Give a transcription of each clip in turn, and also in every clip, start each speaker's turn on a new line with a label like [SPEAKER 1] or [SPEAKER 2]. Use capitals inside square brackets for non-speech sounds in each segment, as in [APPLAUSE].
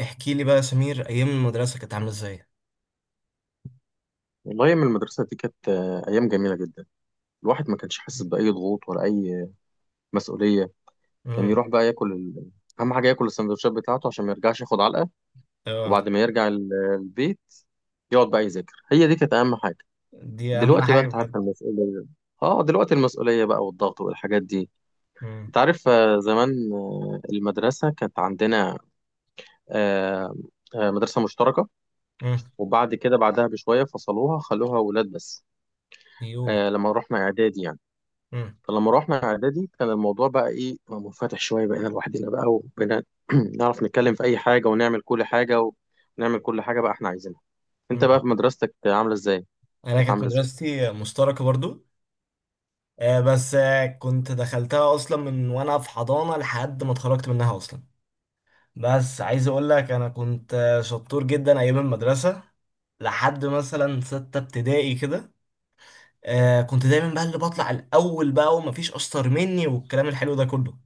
[SPEAKER 1] احكي لي بقى يا سمير، ايام المدرسه كانت عامله ازاي؟
[SPEAKER 2] والله أيام المدرسة دي كانت أيام جميلة جدا. الواحد ما كانش حاسس بأي ضغوط ولا أي مسؤولية. كان
[SPEAKER 1] امم.
[SPEAKER 2] يروح بقى ياكل أهم حاجة ياكل السندوتشات بتاعته عشان ما يرجعش ياخد علقة.
[SPEAKER 1] اه.
[SPEAKER 2] وبعد ما يرجع البيت يقعد بقى يذاكر. هي دي كانت أهم حاجة.
[SPEAKER 1] دي اهم
[SPEAKER 2] دلوقتي بقى
[SPEAKER 1] حاجه
[SPEAKER 2] أنت
[SPEAKER 1] بجد.
[SPEAKER 2] عارف المسؤولية، دلوقتي المسؤولية بقى والضغط والحاجات دي.
[SPEAKER 1] امم.
[SPEAKER 2] أنت عارف، زمان، المدرسة كانت عندنا، آه، مدرسة مشتركة.
[SPEAKER 1] امم.
[SPEAKER 2] وبعد كده بعدها بشوية فصلوها خلوها ولاد بس.
[SPEAKER 1] يو.
[SPEAKER 2] لما رحنا إعدادي يعني.
[SPEAKER 1] امم.
[SPEAKER 2] فلما روحنا اعدادي كان الموضوع بقى ايه، منفتح شويه، بقينا لوحدنا بقى وبقينا [CLEARS THROAT] نعرف نتكلم في اي حاجه ونعمل كل حاجه، ونعمل كل حاجه بقى احنا عايزينها. انت
[SPEAKER 1] امم.
[SPEAKER 2] بقى في مدرستك عامله ازاي؟
[SPEAKER 1] انا
[SPEAKER 2] كانت
[SPEAKER 1] كانت
[SPEAKER 2] عامله ازاي؟
[SPEAKER 1] مدرستي مشتركه برضو. بس كنت دخلتها اصلا من وانا في حضانه لحد ما اتخرجت منها اصلا. بس عايز اقول لك انا كنت شطور جدا ايام المدرسه، لحد مثلا سته ابتدائي كده. كنت دايما بقى اللي بطلع الاول بقى، ومفيش اشطر مني والكلام الحلو ده كله.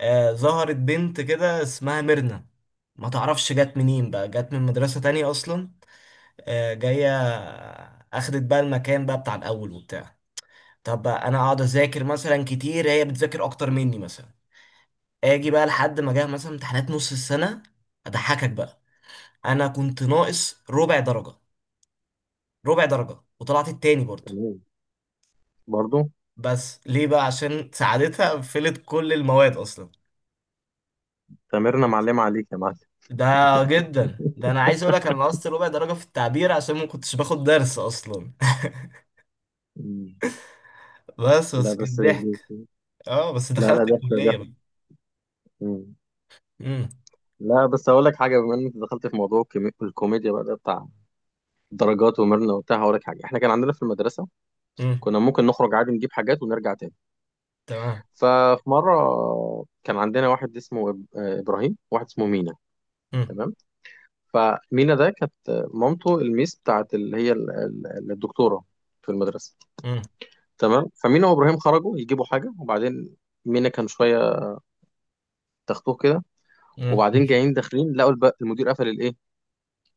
[SPEAKER 1] ظهرت بنت كده اسمها ميرنا، ما تعرفش جت منين بقى، جت من مدرسة تانية أصلا. جاية، أخدت بقى المكان بقى بتاع الأول وبتاع. طب بقى أنا أقعد أذاكر مثلا كتير، هي بتذاكر أكتر مني مثلا. أجي بقى لحد ما جه مثلا امتحانات نص السنة، أضحكك بقى، أنا كنت ناقص ربع درجة. ربع درجة وطلعت التاني برضه.
[SPEAKER 2] تمام. برضو.
[SPEAKER 1] بس ليه بقى؟ عشان ساعدتها قفلت كل المواد أصلا.
[SPEAKER 2] تمرنا معلمه عليك يا معلم.
[SPEAKER 1] ده جدا، ده انا عايز اقول لك انا نقصت ربع درجه في التعبير عشان ما كنتش باخد درس اصلا. [LAUGHS]
[SPEAKER 2] مم.
[SPEAKER 1] بس
[SPEAKER 2] لا
[SPEAKER 1] بس كان
[SPEAKER 2] بس.
[SPEAKER 1] ضحك. اه بس
[SPEAKER 2] لا لا،
[SPEAKER 1] دخلت
[SPEAKER 2] ضحك
[SPEAKER 1] الكليه
[SPEAKER 2] ضحك.
[SPEAKER 1] بقى.
[SPEAKER 2] مم.
[SPEAKER 1] امم.
[SPEAKER 2] لا، بس اقول لك حاجه، بما ان انت دخلت في موضوع الكوميديا بقى ده بتاع درجات ومرنه وبتاع، هقول لك حاجه. احنا كان عندنا في المدرسه
[SPEAKER 1] امم.
[SPEAKER 2] كنا ممكن نخرج عادي نجيب حاجات ونرجع تاني.
[SPEAKER 1] تمام.
[SPEAKER 2] ففي مرة كان عندنا واحد اسمه إبراهيم، واحد اسمه مينا.
[SPEAKER 1] امم.
[SPEAKER 2] تمام. فمينا ده كانت مامته الميس بتاعت، اللي هي الدكتورة في المدرسة.
[SPEAKER 1] امم.
[SPEAKER 2] تمام. فمينا وإبراهيم خرجوا يجيبوا حاجة، وبعدين مينا كان شوية تختوه كده.
[SPEAKER 1] امم.
[SPEAKER 2] وبعدين جايين داخلين لقوا المدير قفل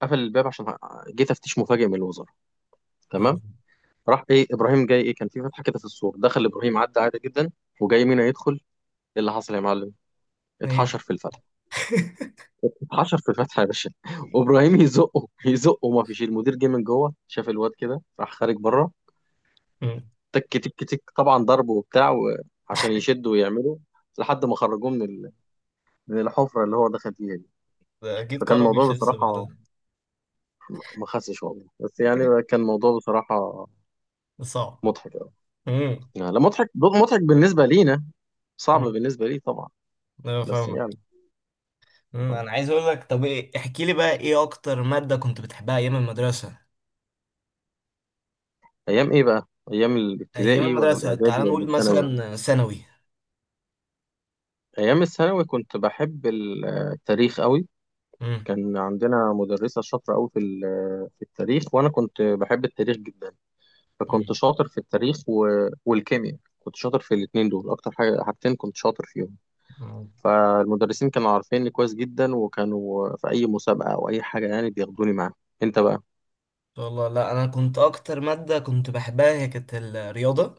[SPEAKER 2] قفل الباب، عشان جه تفتيش مفاجئ من الوزارة.
[SPEAKER 1] ايوه.
[SPEAKER 2] تمام. راح إيه إبراهيم جاي إيه، كان في فتحة كده في السور، دخل إبراهيم عدى عادي جدا. وجاي مينا يدخل إيه، اللي حصل يا معلم، اتحشر
[SPEAKER 1] ايه.
[SPEAKER 2] في الفتحة.
[SPEAKER 1] [LAUGHS]
[SPEAKER 2] حشر في الفتحة يا باشا. وابراهيم يزقه يزقه، ما فيش. المدير جه من جوه شاف الواد كده راح خارج بره.
[SPEAKER 1] مم.
[SPEAKER 2] تك تك تك، طبعا ضرب وبتاع عشان يشدوا ويعملوا لحد ما خرجوه من من الحفرة اللي هو دخل فيها دي.
[SPEAKER 1] ده اكيد
[SPEAKER 2] فكان
[SPEAKER 1] كرم
[SPEAKER 2] الموضوع
[SPEAKER 1] يخس بعدها.
[SPEAKER 2] بصراحة، ما خسش والله، بس يعني كان الموضوع بصراحة
[SPEAKER 1] ده صعب.
[SPEAKER 2] مضحك أوي.
[SPEAKER 1] امم.
[SPEAKER 2] يعني لا، مضحك مضحك بالنسبة لينا، صعب
[SPEAKER 1] امم.
[SPEAKER 2] بالنسبة لي طبعا.
[SPEAKER 1] انا
[SPEAKER 2] بس
[SPEAKER 1] فاهمك.
[SPEAKER 2] يعني.
[SPEAKER 1] مم.
[SPEAKER 2] آه.
[SPEAKER 1] انا عايز اقول لك، طب ايه، احكي لي بقى ايه اكتر ماده كنت بتحبها ايام المدرسه؟
[SPEAKER 2] أيام إيه بقى؟ أيام
[SPEAKER 1] ايام
[SPEAKER 2] الابتدائي ولا
[SPEAKER 1] المدرسه
[SPEAKER 2] الإعدادي
[SPEAKER 1] تعال
[SPEAKER 2] ولا
[SPEAKER 1] نقول
[SPEAKER 2] الثانوي؟
[SPEAKER 1] مثلا ثانوي.
[SPEAKER 2] أيام الثانوي كنت بحب التاريخ أوي.
[SPEAKER 1] امم.
[SPEAKER 2] كان عندنا مدرسة شاطرة أوي في في التاريخ، وأنا كنت بحب التاريخ جدا. فكنت
[SPEAKER 1] امم.
[SPEAKER 2] شاطر في التاريخ و... والكيمياء، كنت شاطر في الاتنين دول. أكتر حاجتين كنت شاطر فيهم.
[SPEAKER 1] امم.
[SPEAKER 2] فالمدرسين كانوا عارفيني كويس جدا، وكانوا في أي مسابقة أو أي حاجة يعني بياخدوني معاهم. أنت بقى؟
[SPEAKER 1] شاء الله. لا انا كنت اكتر ماده كنت بحبها هي كانت الرياضه.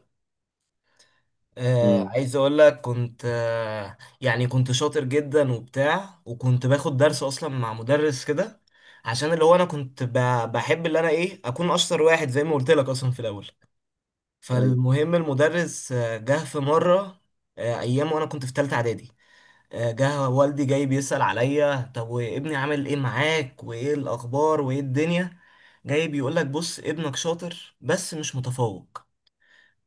[SPEAKER 2] امم.
[SPEAKER 1] عايز اقول لك كنت يعني كنت شاطر جدا وبتاع، وكنت باخد درس اصلا مع مدرس كده عشان اللي هو انا كنت بحب اللي انا ايه اكون اشطر واحد زي ما قلت لك اصلا في الاول.
[SPEAKER 2] أيوه.
[SPEAKER 1] فالمهم المدرس جه في مره. ايام وانا كنت في ثالثه اعدادي. جه والدي جاي بيسأل عليا، طب وابني عامل ايه معاك وايه الاخبار وايه الدنيا؟ جاي بيقول لك بص ابنك شاطر بس مش متفوق.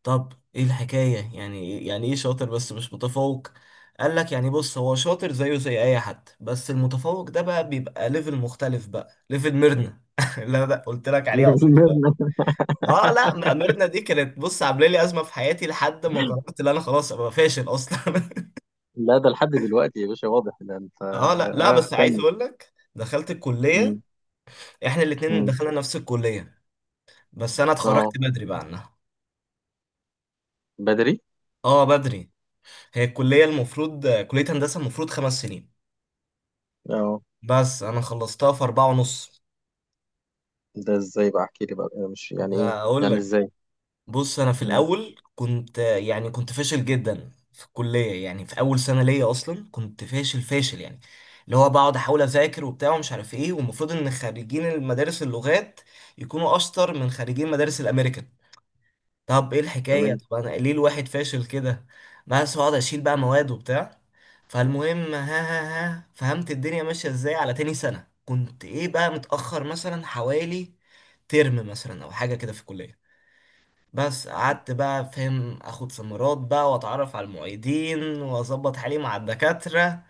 [SPEAKER 1] طب ايه الحكاية؟ يعني إيه، يعني ايه شاطر بس مش متفوق؟ قال لك يعني بص، هو شاطر زيه زي اي حد، بس المتفوق ده بقى بيبقى ليفل مختلف، بقى ليفل ميرنا. [LAUGHS] لا لا قلت لك عليها اصلا.
[SPEAKER 2] [LAUGHS]
[SPEAKER 1] اه لا ميرنا دي كانت بص عامله لي ازمه في حياتي لحد ما قررت ان انا خلاص ابقى فاشل اصلا.
[SPEAKER 2] لا ده لحد دلوقتي يا باشا واضح ده، أنت
[SPEAKER 1] اه لا لا بس عايز
[SPEAKER 2] كمل.
[SPEAKER 1] اقول لك دخلت الكليه.
[SPEAKER 2] مم.
[SPEAKER 1] احنا الاتنين
[SPEAKER 2] مم.
[SPEAKER 1] دخلنا نفس الكليه. بس انا
[SPEAKER 2] أه.
[SPEAKER 1] اتخرجت بدري بقى عنها.
[SPEAKER 2] بدري؟
[SPEAKER 1] اه بدري. هي الكليه المفروض كليه هندسه المفروض 5 سنين،
[SPEAKER 2] أه.
[SPEAKER 1] بس انا خلصتها في 4 ونص.
[SPEAKER 2] ده إزاي بقى؟ أحكي لي بقى، أنا مش يعني إيه؟
[SPEAKER 1] ده اقول
[SPEAKER 2] يعني
[SPEAKER 1] لك،
[SPEAKER 2] إزاي؟
[SPEAKER 1] بص انا في
[SPEAKER 2] مم.
[SPEAKER 1] الاول كنت يعني كنت فاشل جدا في الكليه، يعني في اول سنه ليا اصلا كنت فاشل فاشل، يعني اللي هو بقعد احاول اذاكر وبتاع ومش عارف ايه. والمفروض ان خريجين المدارس اللغات يكونوا اشطر من خريجين مدارس الامريكان. طب ايه الحكاية؟
[SPEAKER 2] تمام.
[SPEAKER 1] طب انا ليه الواحد فاشل كده؟ بس اقعد اشيل بقى مواد وبتاع. فالمهم، ها ها ها، فهمت الدنيا ماشية ازاي، على تاني سنة كنت ايه بقى متأخر مثلا حوالي ترم مثلا او حاجة كده في الكلية. بس قعدت بقى فاهم اخد سمرات بقى، واتعرف على المعيدين، واظبط حالي مع الدكاترة،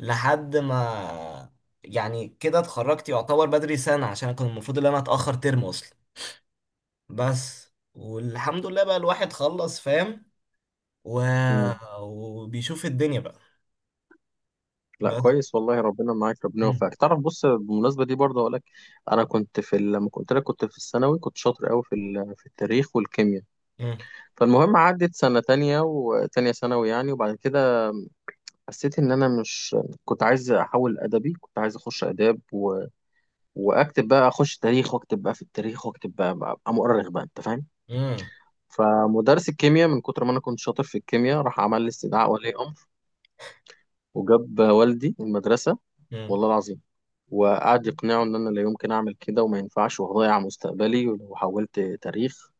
[SPEAKER 1] لحد ما يعني كده اتخرجت يعتبر بدري سنة عشان كان المفروض ان انا اتأخر ترم اصلا. بس والحمد لله بقى الواحد خلص فاهم و...
[SPEAKER 2] مم.
[SPEAKER 1] وبيشوف الدنيا بقى.
[SPEAKER 2] لا
[SPEAKER 1] بس.
[SPEAKER 2] كويس والله، ربنا معاك، ربنا
[SPEAKER 1] مم.
[SPEAKER 2] يوفقك. تعرف، بص، بالمناسبه دي برضه اقول لك، انا كنت في لما قلت لك كنت في الثانوي، كنت شاطر قوي في في التاريخ والكيمياء.
[SPEAKER 1] مم.
[SPEAKER 2] فالمهم عدت سنه تانية وتانية ثانوي يعني، وبعد كده حسيت ان انا مش. كنت عايز احول ادبي، كنت عايز اخش اداب و... واكتب بقى، اخش تاريخ واكتب بقى في التاريخ، واكتب بقى ابقى مؤرخ بقى، انت فاهم.
[SPEAKER 1] مم.
[SPEAKER 2] فمدرس الكيمياء، من كتر ما انا كنت شاطر في الكيمياء، راح عمل لي استدعاء ولي امر، وجاب والدي المدرسه.
[SPEAKER 1] مم.
[SPEAKER 2] والله العظيم. وقعد يقنعه ان انا لا يمكن اعمل كده، وما ينفعش، وهضيع مستقبلي ولو حولت تاريخ،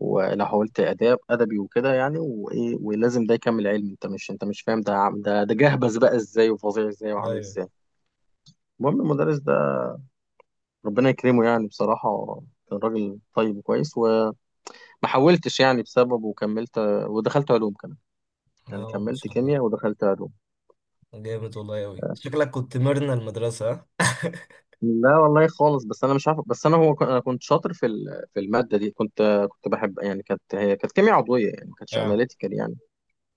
[SPEAKER 2] ولو حولت اداب ادبي وكده، يعني وايه، ولازم ده يكمل علم، انت مش فاهم، ده ده جهبذ بقى ازاي، وفظيع ازاي، وعامل
[SPEAKER 1] ايوه.
[SPEAKER 2] ازاي. المهم المدرس ده ربنا يكرمه، يعني بصراحة كان راجل طيب وكويس، وما حولتش يعني بسببه، وكملت ودخلت علوم كمان. يعني
[SPEAKER 1] اه ما
[SPEAKER 2] كملت
[SPEAKER 1] شاء الله.
[SPEAKER 2] كيمياء ودخلت علوم.
[SPEAKER 1] جامد والله اوي، شكلك كنت مرنا المدرسة ها؟ [LAUGHS]
[SPEAKER 2] لا والله خالص، بس انا مش عارف، بس انا هو انا كنت شاطر في في الماده دي، كنت كنت بحب يعني، كانت كيمياء عضويه يعني، ما كانتش
[SPEAKER 1] اه.
[SPEAKER 2] اناليتيكال يعني،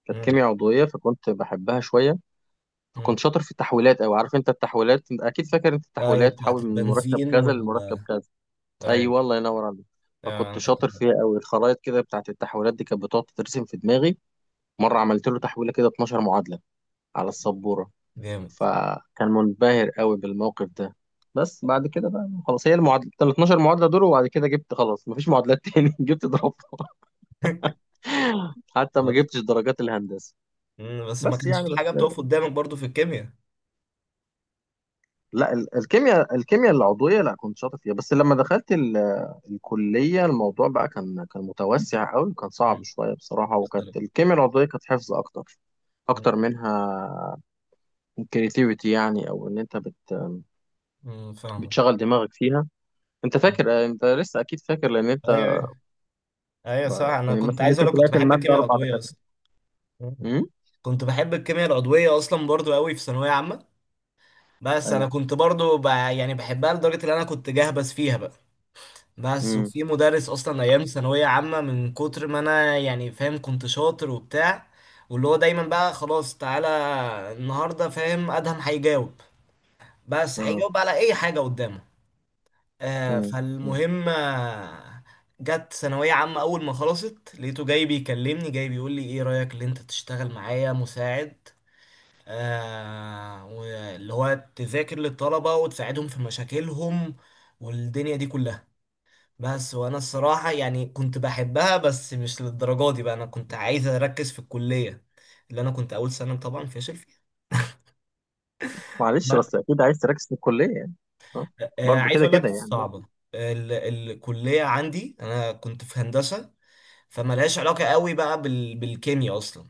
[SPEAKER 2] كانت
[SPEAKER 1] مم.
[SPEAKER 2] كيمياء عضويه، فكنت بحبها شويه.
[SPEAKER 1] مم.
[SPEAKER 2] فكنت شاطر في التحويلات، او عارف انت التحويلات، أنت اكيد فاكر انت
[SPEAKER 1] ايوه
[SPEAKER 2] التحويلات،
[SPEAKER 1] بتاعت
[SPEAKER 2] تحول من مركب
[SPEAKER 1] البنزين
[SPEAKER 2] كذا لمركب كذا.
[SPEAKER 1] ايوه.
[SPEAKER 2] ايوه الله ينور عليك.
[SPEAKER 1] اه
[SPEAKER 2] فكنت
[SPEAKER 1] انا كنت
[SPEAKER 2] شاطر
[SPEAKER 1] بحب.
[SPEAKER 2] فيها قوي، الخرائط كده بتاعت التحويلات دي كانت بتقعد تترسم في دماغي. مره عملت له تحويله كده 12 معادله على السبوره.
[SPEAKER 1] جامد.
[SPEAKER 2] فكان منبهر قوي بالموقف ده. بس بعد كده بقى خلاص، هي المعادله ال 12 معادله دول، وبعد كده جبت خلاص مفيش معادلات تاني [LAUGHS] جبت ضربها. حتى ما
[SPEAKER 1] خلاص.
[SPEAKER 2] جبتش درجات الهندسه.
[SPEAKER 1] مم. بس ما
[SPEAKER 2] بس
[SPEAKER 1] كانش
[SPEAKER 2] يعني،
[SPEAKER 1] في حاجة
[SPEAKER 2] بس
[SPEAKER 1] بتقف قدامك برضو في الكيمياء.
[SPEAKER 2] لا، الكيمياء العضويه لا كنت شاطر فيها، بس لما دخلت الكليه الموضوع بقى كان كان متوسع قوي، وكان صعب
[SPEAKER 1] مم.
[SPEAKER 2] شويه بصراحه.
[SPEAKER 1] مختلف.
[SPEAKER 2] وكانت الكيمياء العضويه كانت حفظ
[SPEAKER 1] مم.
[SPEAKER 2] اكتر منها كريتيفيتي يعني، او ان انت
[SPEAKER 1] مم. فاهمك.
[SPEAKER 2] بتشغل دماغك فيها. انت
[SPEAKER 1] آه.
[SPEAKER 2] فاكر، انت لسه اكيد فاكر لان انت
[SPEAKER 1] ايوه. ايوه. ايوه صح، انا
[SPEAKER 2] يعني
[SPEAKER 1] كنت
[SPEAKER 2] مثلا
[SPEAKER 1] عايز
[SPEAKER 2] ممكن
[SPEAKER 1] اقول لك كنت
[SPEAKER 2] تلاقي في
[SPEAKER 1] بحب
[SPEAKER 2] المادة
[SPEAKER 1] الكيمياء
[SPEAKER 2] أربع
[SPEAKER 1] العضوية
[SPEAKER 2] دكاترة.
[SPEAKER 1] اصلا. مم.
[SPEAKER 2] امم.
[SPEAKER 1] كنت بحب الكيمياء العضوية أصلا برضو قوي في ثانوية عامة. بس أنا
[SPEAKER 2] أيوه.
[SPEAKER 1] كنت برضو يعني بحبها لدرجة إن أنا كنت جهبذ فيها بقى. بس
[SPEAKER 2] امم.
[SPEAKER 1] وفي مدرس أصلا أيام ثانوية عامة من كتر ما أنا يعني فاهم كنت شاطر وبتاع، واللي هو دايما بقى خلاص تعالى النهاردة فاهم أدهم هيجاوب، بس
[SPEAKER 2] أه.
[SPEAKER 1] هيجاوب على أي حاجة قدامه.
[SPEAKER 2] امم. أمم.
[SPEAKER 1] فالمهم، جت ثانوية عامة أول ما خلصت لقيته جاي بيكلمني جاي بيقول لي إيه رأيك اللي أنت تشتغل معايا مساعد؟ واللي هو تذاكر للطلبة وتساعدهم في مشاكلهم والدنيا دي كلها. بس وانا الصراحة يعني كنت بحبها بس مش للدرجة دي بقى، انا كنت عايز اركز في الكلية اللي انا كنت اول سنة طبعا فاشل فيها.
[SPEAKER 2] معلش،
[SPEAKER 1] بس
[SPEAKER 2] بس أكيد عايز تركز في الكلية يعني. أه. برضه
[SPEAKER 1] عايز
[SPEAKER 2] كده
[SPEAKER 1] اقول لك
[SPEAKER 2] كده يعني.
[SPEAKER 1] صعبة. ال الكلية عندي انا كنت في هندسة، فملهاش علاقة قوي بقى بالكيمياء اصلا.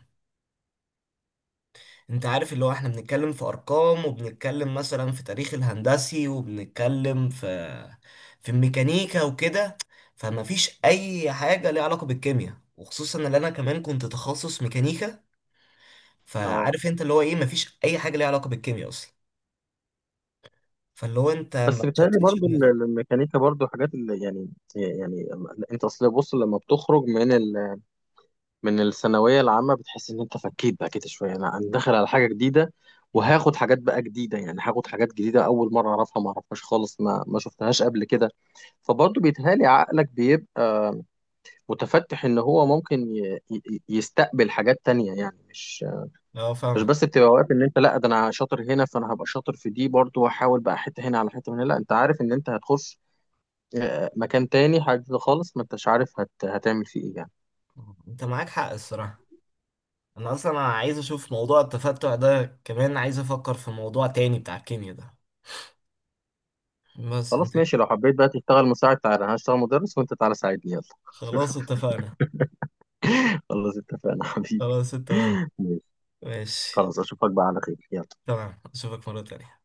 [SPEAKER 1] انت عارف اللي هو احنا بنتكلم في ارقام، وبنتكلم مثلا في تاريخ الهندسي، وبنتكلم في الميكانيكا وكده. فما فيش اي حاجه ليها علاقه بالكيمياء، وخصوصا ان انا كمان كنت تخصص ميكانيكا.
[SPEAKER 2] أه.
[SPEAKER 1] فعارف انت اللي هو ايه، ما فيش اي حاجه ليها علاقه بالكيمياء اصلا. فاللي هو انت ما
[SPEAKER 2] بس بيتهيألي
[SPEAKER 1] تشتتش
[SPEAKER 2] برضه
[SPEAKER 1] دماغك.
[SPEAKER 2] الميكانيكا برضه حاجات اللي يعني، يعني أنت أصل بص، لما بتخرج من من الثانوية العامة، بتحس إن أنت فكيت بقى كده شوية، أنا داخل على حاجة جديدة،
[SPEAKER 1] مم.
[SPEAKER 2] وهاخد حاجات بقى جديدة، يعني هاخد حاجات جديدة أول مرة أعرفها، ما أعرفهاش خالص، ما شفتهاش قبل كده. فبرضه بيتهيألي عقلك بيبقى متفتح، ان هو ممكن يستقبل حاجات تانية، يعني
[SPEAKER 1] اه
[SPEAKER 2] مش
[SPEAKER 1] فاهمك.
[SPEAKER 2] بس بتبقى واقف ان انت لا ده انا شاطر هنا فانا هبقى شاطر في دي برضو، واحاول بقى حته هنا على حته هنا. لا، انت عارف ان انت هتخش مكان تاني، حاجه جديدة خالص، ما انتش عارف هتعمل فيه ايه يعني.
[SPEAKER 1] انت معاك حق الصراحه. انا اصلا عايز اشوف موضوع التفتع ده، كمان عايز افكر في موضوع تاني بتاع الكيمياء ده. بس انت
[SPEAKER 2] خلاص ماشي، لو حبيت بقى تشتغل مساعد تعالى، انا هشتغل مدرس وانت تعالى ساعدني، يلا.
[SPEAKER 1] خلاص اتفقنا.
[SPEAKER 2] [LAUGHS] خلاص اتفقنا حبيبي.
[SPEAKER 1] خلاص تمام.
[SPEAKER 2] [LAUGHS] ماشي.
[SPEAKER 1] ماشي
[SPEAKER 2] خلاص اشوفك بقى على خير، يلا.
[SPEAKER 1] تمام، اشوفك مرة تانية.